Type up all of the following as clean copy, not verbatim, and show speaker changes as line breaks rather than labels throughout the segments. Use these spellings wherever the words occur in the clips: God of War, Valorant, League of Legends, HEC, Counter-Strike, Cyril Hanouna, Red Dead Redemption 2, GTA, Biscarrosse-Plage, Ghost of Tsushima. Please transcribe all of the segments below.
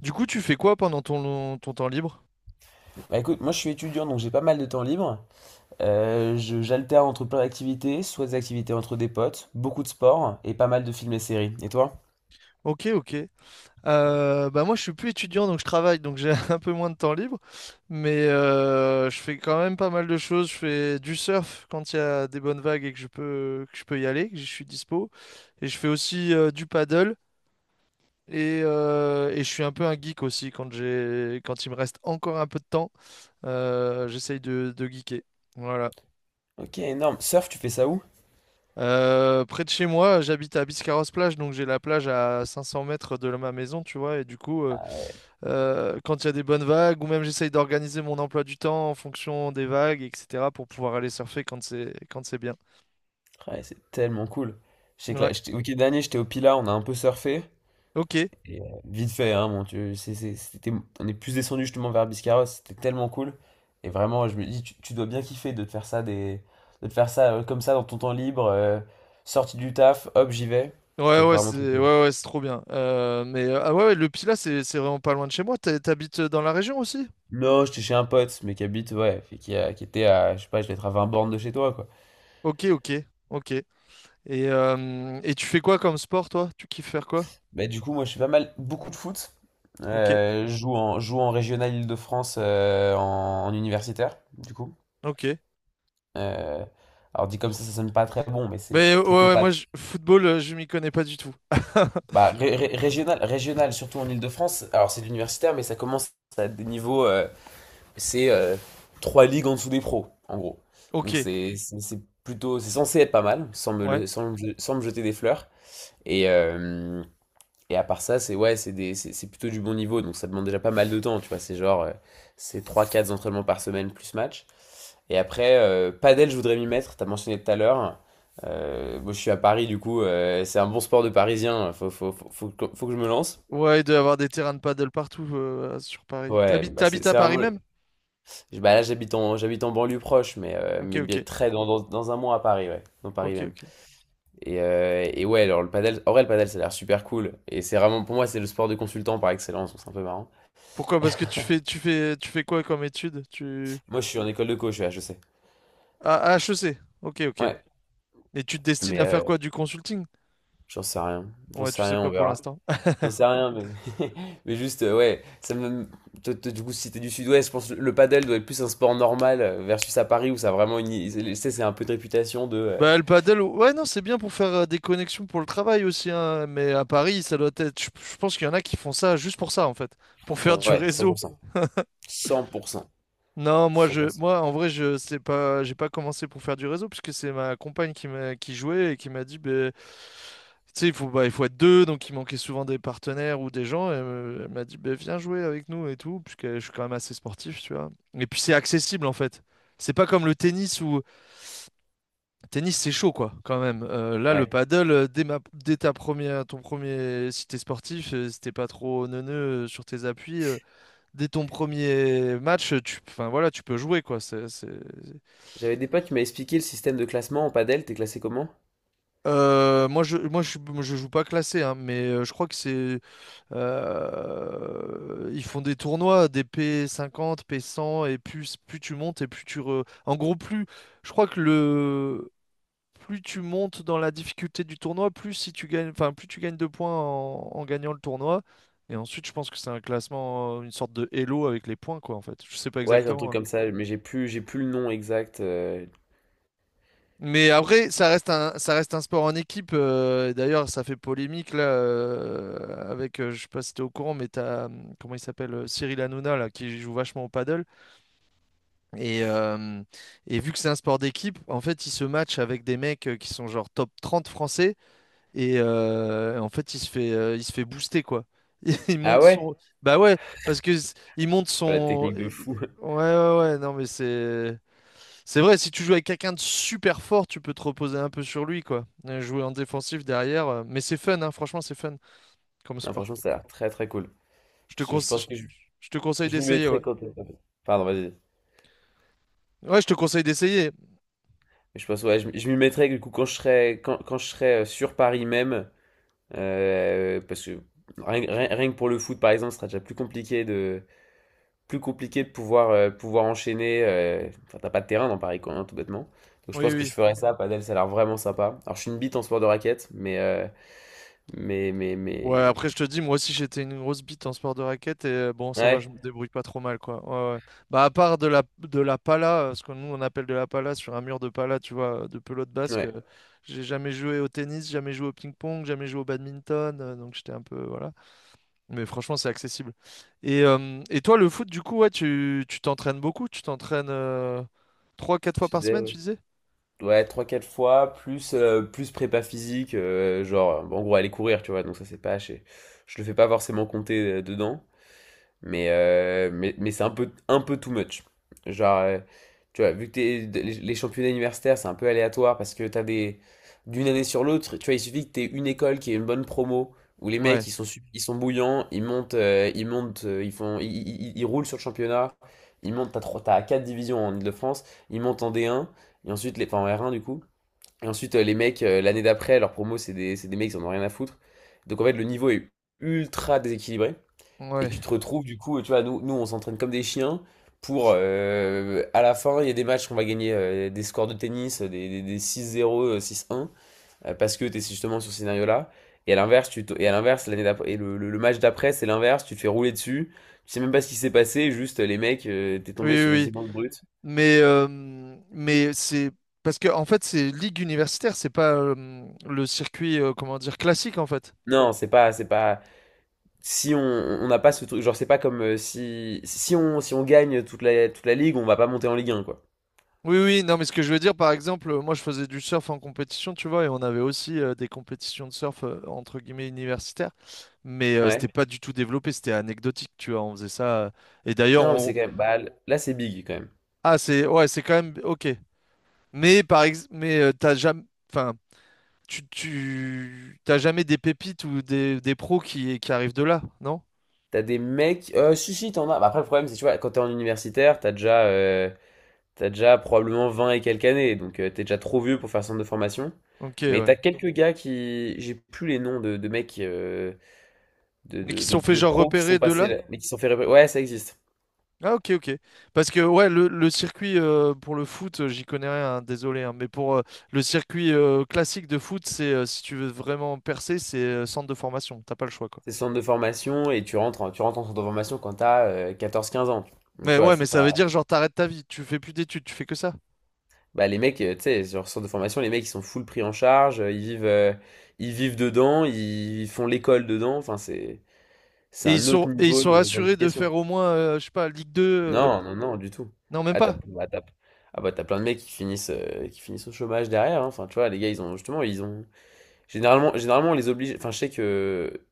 Du coup, tu fais quoi pendant ton temps libre?
Bah écoute, moi je suis étudiant donc j'ai pas mal de temps libre. J'alterne entre plein d'activités, soit des activités entre des potes, beaucoup de sport et pas mal de films et séries. Et toi?
Ok, ok. Bah moi, je suis plus étudiant, donc je travaille, donc j'ai un peu moins de temps libre. Mais je fais quand même pas mal de choses. Je fais du surf quand il y a des bonnes vagues et que je peux y aller, que je suis dispo. Et je fais aussi du paddle. Et je suis un peu un geek aussi quand quand il me reste encore un peu de temps. J'essaye de geeker. Voilà.
Ok, énorme. Surf, tu fais ça où?
Près de chez moi, j'habite à Biscarrosse-Plage, donc j'ai la plage à 500 mètres de ma maison, tu vois. Et du coup,
Ah,
quand il y a des bonnes vagues, ou même j'essaye d'organiser mon emploi du temps en fonction des vagues, etc., pour pouvoir aller surfer quand c'est bien.
ouais, c'est tellement cool. Je sais que là,
Ouais.
le week-end dernier j'étais au Pila, on a un peu surfé.
Ok.
Et, vite fait, hein, mon Dieu, c'était, on est plus descendu justement vers Biscarrosse, c'était tellement cool. Et vraiment, je me dis, tu dois bien kiffer de te faire ça, des, de te faire ça comme ça dans ton temps libre, sorti du taf, hop, j'y vais.
Ouais,
C'était
ouais,
vraiment
c'est
trop cool.
ouais, ouais, c'est trop bien. Mais ah ouais, ouais, le Pilat, c'est vraiment pas loin de chez moi. T'habites dans la région aussi?
Non, j'étais chez un pote, mais qui habite, ouais, et qui était à, je sais pas, je vais être à 20 bornes de chez toi, quoi.
Ok, ok, ok. Et tu fais quoi comme sport, toi? Tu kiffes faire quoi?
Bah, du coup, moi, je fais pas mal, beaucoup de foot.
Ok,
Je joue en régional Île-de-France, en en universitaire, du coup.
ok.
Euh, alors dit comme ça sonne pas très bon, mais c'est
Mais ouais,
plutôt
ouais, moi,
pas.
football, je m'y connais pas du tout.
Bah, ré- ré- régional, régional, surtout en Île-de-France, alors c'est de l'universitaire, mais ça commence à des niveaux, c'est trois ligues en dessous des pros, en gros.
Ok,
Donc c'est plutôt, c'est censé être pas mal, sans me,
ouais.
le- sans, me sans me jeter des fleurs. Et, euh, et à part ça, c'est ouais, c'est des- c'est plutôt du bon niveau, donc ça demande déjà pas mal de temps, tu vois. C'est genre, c'est trois quatre entraînements par semaine plus match. Et après, padel, je voudrais m'y mettre, t'as mentionné tout à l'heure. Moi, je suis à Paris, du coup, c'est un bon sport de Parisien. Faut que je me lance.
Ouais, il doit y avoir des terrains de paddle partout sur Paris.
Ouais,
T'habites,
bah c'est
t'habites à
c'est
Paris
vraiment.
même?
Bah là, j'habite en banlieue proche,
Ok,
mais
ok,
bien très dans un mois à Paris, ouais, dans Paris
ok,
même.
ok.
Et ouais, alors le padel, en vrai, le padel, ça a l'air super cool. Et c'est vraiment, pour moi, c'est le sport de consultant par excellence, donc c'est un peu marrant.
Pourquoi? Parce que tu fais quoi comme étude? Tu...
Moi, je suis en école de coach, je sais.
Ah, à HEC. Ok, ok.
Ouais,
Et tu te destines
mais
à faire quoi? Du consulting?
j'en sais rien. J'en
Ouais, tu
sais
sais
rien,
pas
on
pour
verra.
l'instant.
J'en sais rien, mais. Mais juste, ouais, ça me. Du coup, si t'es du sud-ouest, je pense que le padel doit être plus un sport normal versus à Paris où ça a vraiment une. Tu sais, c'est un peu de réputation de.
Bah, le paddle, ouais, non, c'est bien pour faire des connexions pour le travail aussi, hein. Mais à Paris, ça doit être. Je pense qu'il y en a qui font ça juste pour ça, en fait. Pour faire du
Ouais, cent
réseau.
pour cent cent pour cent.
Non, moi je
100%.
moi en vrai je sais pas, j'ai pas commencé pour faire du réseau, puisque c'est ma compagne qui jouait et qui m'a dit, ben tu sais, il faut être deux, donc il manquait souvent des partenaires ou des gens, et elle m'a dit, ben viens jouer avec nous et tout, puisque je suis quand même assez sportif, tu vois. Et puis c'est accessible en fait. C'est pas comme le tennis où tennis c'est chaud quoi quand même. Là le
Ouais.
paddle, dès ma dès ta première ton premier, si t'es sportif, si t'es pas trop neuneux, sur tes appuis, dès ton premier match, enfin, voilà, tu peux jouer, quoi.
J'avais des potes qui m'avaient expliqué le système de classement en padel, t'es classé comment?
Je joue pas classé, hein, mais je crois que c'est, ils font des tournois, des P50, P100, et plus tu montes et en gros, plus, je crois que le, plus tu montes dans la difficulté du tournoi, plus si tu gagnes, enfin, plus tu gagnes de points en gagnant le tournoi. Et ensuite, je pense que c'est un classement, une sorte de Elo avec les points, quoi, en fait. Je sais pas
Ouais, c'est un
exactement,
truc
hein.
comme ça, mais j'ai plus le nom exact.
Mais après, ça reste un sport en équipe. D'ailleurs, ça fait polémique là, avec, je sais pas si t'es au courant, mais t'as, comment il s'appelle, Cyril Hanouna là, qui joue vachement au paddle. Et, euh, et vu que c'est un sport d'équipe, en fait, il se match avec des mecs, qui sont genre top 30 français. Et en fait, il se fait booster quoi. Il
Ah
monte
ouais?
son, bah ouais, parce que il monte
Ouais, la
son,
technique
ouais
de fou.
ouais ouais, non mais c'est. C'est vrai, si tu joues avec quelqu'un de super fort, tu peux te reposer un peu sur lui, quoi. Jouer en défensif derrière. Mais c'est fun, hein, franchement, c'est fun comme
Non,
sport.
franchement, ça a l'air très très cool.
Je te
Je
conse-
pense
je
que
je te conseille
je m'y
d'essayer, ouais.
mettrai quand. Pardon, vas-y.
Ouais, je te conseille d'essayer.
Je pense, ouais, je m'y mettrai du coup quand je serai, quand je serai sur Paris même. Parce que rien que pour le foot, par exemple, ce sera déjà plus compliqué de pouvoir, pouvoir enchaîner. Enfin, t'as pas de terrain dans Paris, quoi, hein, tout bêtement. Donc je
Oui,
pense que je
oui.
ferais ça, padel, ça a l'air vraiment sympa. Alors je suis une bite en sport de raquette, mais...
Ouais,
mais...
après, je te dis, moi aussi, j'étais une grosse bite en sport de raquette. Et bon, ça va,
Ouais,
je me débrouille pas trop mal, quoi. Ouais, ouais. Bah, à part de la pala, ce que nous, on appelle de la pala, sur un mur de pala, tu vois, de pelote basque,
ouais,
j'ai jamais joué au tennis, jamais joué au ping-pong, jamais joué au badminton. Donc, j'étais un peu, voilà. Mais franchement, c'est accessible. Et toi, le foot, du coup, ouais, tu t'entraînes beaucoup? Tu t'entraînes 3, 4
je
fois par
disais,
semaine, tu
ouais.
disais?
Ouais, 3-4 fois, plus, plus prépa physique, genre, bon, en gros, aller courir, tu vois, donc ça c'est pas... je le fais pas forcément compter dedans. Mais, mais c'est un peu too much. Genre, tu vois, vu que les championnats universitaires, c'est un peu aléatoire parce que t'as des... D'une année sur l'autre, tu vois, il suffit que t'aies une école qui ait une bonne promo, où les
Ouais,
mecs, ils sont bouillants, ils montent, ils font, ils- ils- ils roulent sur le championnat, ils montent, t'as quatre divisions en île de france, ils montent en D1, et ensuite, enfin en R1 du coup, et ensuite, les mecs, l'année d'après, leur promo, c'est des mecs qui en ont rien à foutre. Donc en fait, le niveau est ultra déséquilibré. Et tu
ouais,
te retrouves du coup, tu vois, nous on s'entraîne comme des chiens pour à la fin, il y a des matchs qu'on va gagner des scores de tennis, des six 0 6-1, parce que tu es justement sur ce scénario-là. Et à l'inverse, l'année d'après, le match d'après, c'est l'inverse, tu te fais rouler dessus, tu sais même pas ce qui s'est passé, juste les mecs, t'es
oui,
tombé
oui,
sur des
oui.
immenses brutes.
Mais c'est parce que en fait, c'est ligue universitaire, c'est pas le circuit, comment dire, classique en fait.
Non, c'est pas. Si on n'a pas ce truc, genre c'est pas comme si on gagne toute la ligue, on va pas monter en Ligue un quoi.
Oui, oui, non, mais ce que je veux dire, par exemple, moi je faisais du surf en compétition, tu vois, et on avait aussi des compétitions de surf entre guillemets universitaires, mais c'était
Ouais.
pas du tout développé, c'était anecdotique, tu vois, on faisait ça. Et d'ailleurs,
Non, mais c'est
on,
quand même. Bah, là, c'est big quand même.
ah, c'est ouais, c'est quand même ok. Mais par ex... mais t'as jamais, enfin, tu tu t'as jamais des pépites ou des pros qui arrivent de là, non?
T'as des mecs. Si, t'en as. Bah, après, le problème, c'est tu vois, quand t'es en universitaire, t'as déjà probablement 20 et quelques années. Donc, t'es déjà trop vieux pour faire centre de formation.
Ok,
Mais
ouais.
t'as quelques gars qui. J'ai plus les noms de mecs,
Mais qui se sont fait
de
genre
pros qui sont
repérer de
passés
là?
là, mais qui se sont fait. Ouais, ça existe.
Ah, ok, ok. Parce que ouais, le circuit pour le foot, j'y connais rien, hein, désolé, hein, mais pour le circuit classique de foot, c'est si tu veux vraiment percer, c'est centre de formation. T'as pas le choix, quoi.
C'est centre de formation et tu rentres en centre de formation quand t'as 14 15 ans. Donc,
Mais
tu vois,
ouais, mais
c'est
ça veut
pas.
dire genre t'arrêtes ta vie, tu fais plus d'études, tu fais que ça.
Bah, les mecs, tu sais, sur centre de formation, les mecs, ils sont full pris en charge, euh, ils vivent dedans, ils font l'école dedans. Enfin, c'est. C'est
Et ils
un autre
sont, et ils
niveau
sont assurés de
d'implication.
faire au moins, je sais pas, Ligue 2,
Non, non, du tout.
non, même
Ah, t'as,
pas.
bah, t'as- ah, bah, t'as plein de mecs qui finissent au chômage derrière, hein. Enfin, tu vois, les gars, ils ont justement, ils ont. Généralement, on les oblige. Enfin, je sais que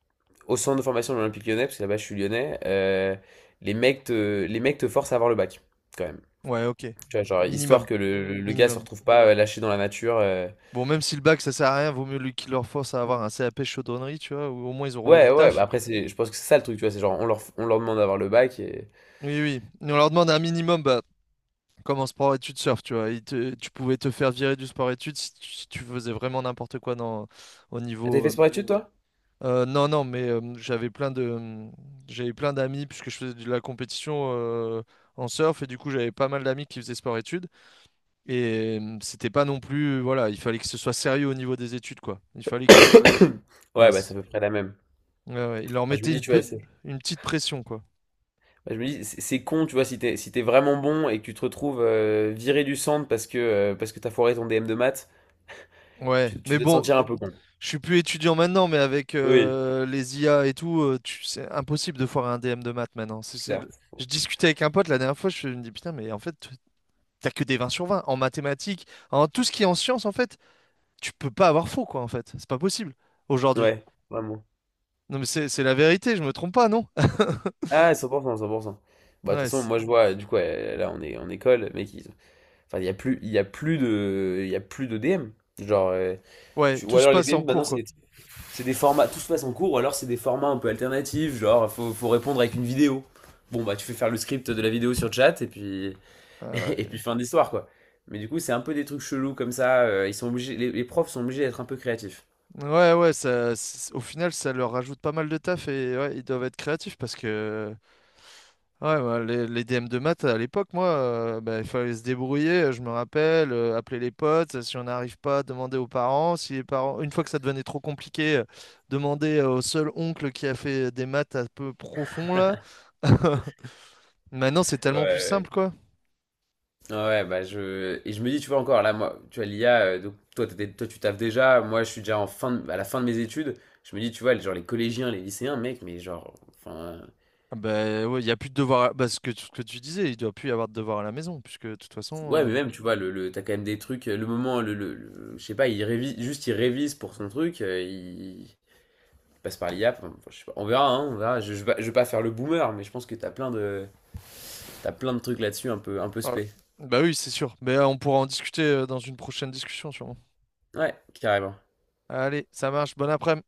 au centre de formation de l'Olympique Lyonnais, parce que là-bas, je suis lyonnais, les mecs te forcent à avoir le bac, quand même.
Ouais, ok.
Tu vois, genre,
Minimum,
histoire que gars se
minimum.
retrouve pas lâché dans la nature.
Bon, même si le bac, ça sert à rien, vaut mieux lui qu'il leur force à avoir un CAP chaudronnerie, tu vois, ou au moins ils auront
Ouais,
du
ouais,
taf.
bah après, c'est, je pense que c'est ça le truc, tu vois. C'est genre, on leur demande d'avoir le bac et.
Oui, oui. On leur demande un minimum, bah, comme en sport-études surf, tu vois. Tu pouvais te faire virer du sport-études si tu faisais vraiment n'importe quoi dans, au
Ah, t'as
niveau.
fait sport études, toi?
Non, non, mais j'avais plein d'amis, puisque je faisais de la compétition en surf, et du coup, j'avais pas mal d'amis qui faisaient sport-études. Et c'était pas non plus, voilà, il fallait que ce soit sérieux au niveau des études, quoi. Il fallait qu'il, voilà,
Ouais, bah, c'est à peu près la même.
ouais, ouais, il leur
Bah, je me
mettait
dis,
une,
tu vois.
pe- une petite pression, quoi.
Bah, je me dis, c'est con, tu vois, si t'es vraiment bon et que tu te retrouves viré du centre parce que t'as foiré ton DM de maths,
Ouais,
tu
mais
dois te
bon,
sentir un peu con.
je suis plus étudiant maintenant, mais avec
Oui,
les IA et tout, c'est impossible de foirer un DM de maths maintenant.
certes.
Je discutais avec un pote la dernière fois, je me dis, putain, mais en fait, t'as que des 20/20 en mathématiques, en tout ce qui est en sciences, en fait, tu peux pas avoir faux, quoi, en fait. C'est pas possible aujourd'hui.
Ouais, vraiment.
Non, mais c'est la vérité, je me trompe pas, non?
Ah, cent pour cent pour cent. Bah, de
Ouais,
toute façon, moi je vois, du coup, là on est en école, mec, ils- enfin, il y a plus, il y a plus de, il y a plus de DM. Genre,
ouais,
ou
tout se
alors les
passe en
DM maintenant
cours, quoi.
c'est. Tout se passe en cours, ou alors c'est des formats un peu alternatifs, genre faut répondre avec une vidéo. Bon, bah tu fais faire le script de la vidéo sur chat et puis.
Ah ouais,
Et puis fin d'histoire, quoi. Mais du coup, c'est un peu des trucs chelous comme ça. Ils sont obligés, les profs sont obligés d'être un peu créatifs.
ouais, ouais, ça, au final, ça leur rajoute pas mal de taf, et ouais, ils doivent être créatifs parce que ouais, bah, les DM de maths à l'époque, moi, bah, il fallait se débrouiller, je me rappelle, appeler les potes, si on n'arrive pas, demander aux parents, si les parents, une fois que ça devenait trop compliqué, demander au seul oncle qui a fait des maths un peu profond là. Maintenant, c'est tellement plus
Ouais,
simple, quoi.
Ouais, bah je. Et je me dis, tu vois, encore là, moi, tu vois, l'IA, donc toi, tu taffes déjà. Moi, je suis déjà à la fin de mes études. Je me dis, tu vois, genre les collégiens, les lycéens, mec, mais genre. Enfin.
Ah, bah ouais, il n'y a plus de devoirs, bah, ce que tu disais, il doit plus y avoir de devoirs à la maison, puisque de toute
Ouais,
façon.
mais même, tu vois, t'as quand même des trucs. Le moment, le- je sais pas, il révise, juste il révise pour son truc. Il passe par l'IA. Enfin, je sais pas, on verra, hein, on verra. Je vais pas faire le boomer, mais je pense que t'as plein de. T'as plein de trucs là-dessus un peu
Ah,
spé.
bah oui, c'est sûr. Mais on pourra en discuter dans une prochaine discussion, sûrement.
Ouais, carrément.
Allez, ça marche. Bon après-midi.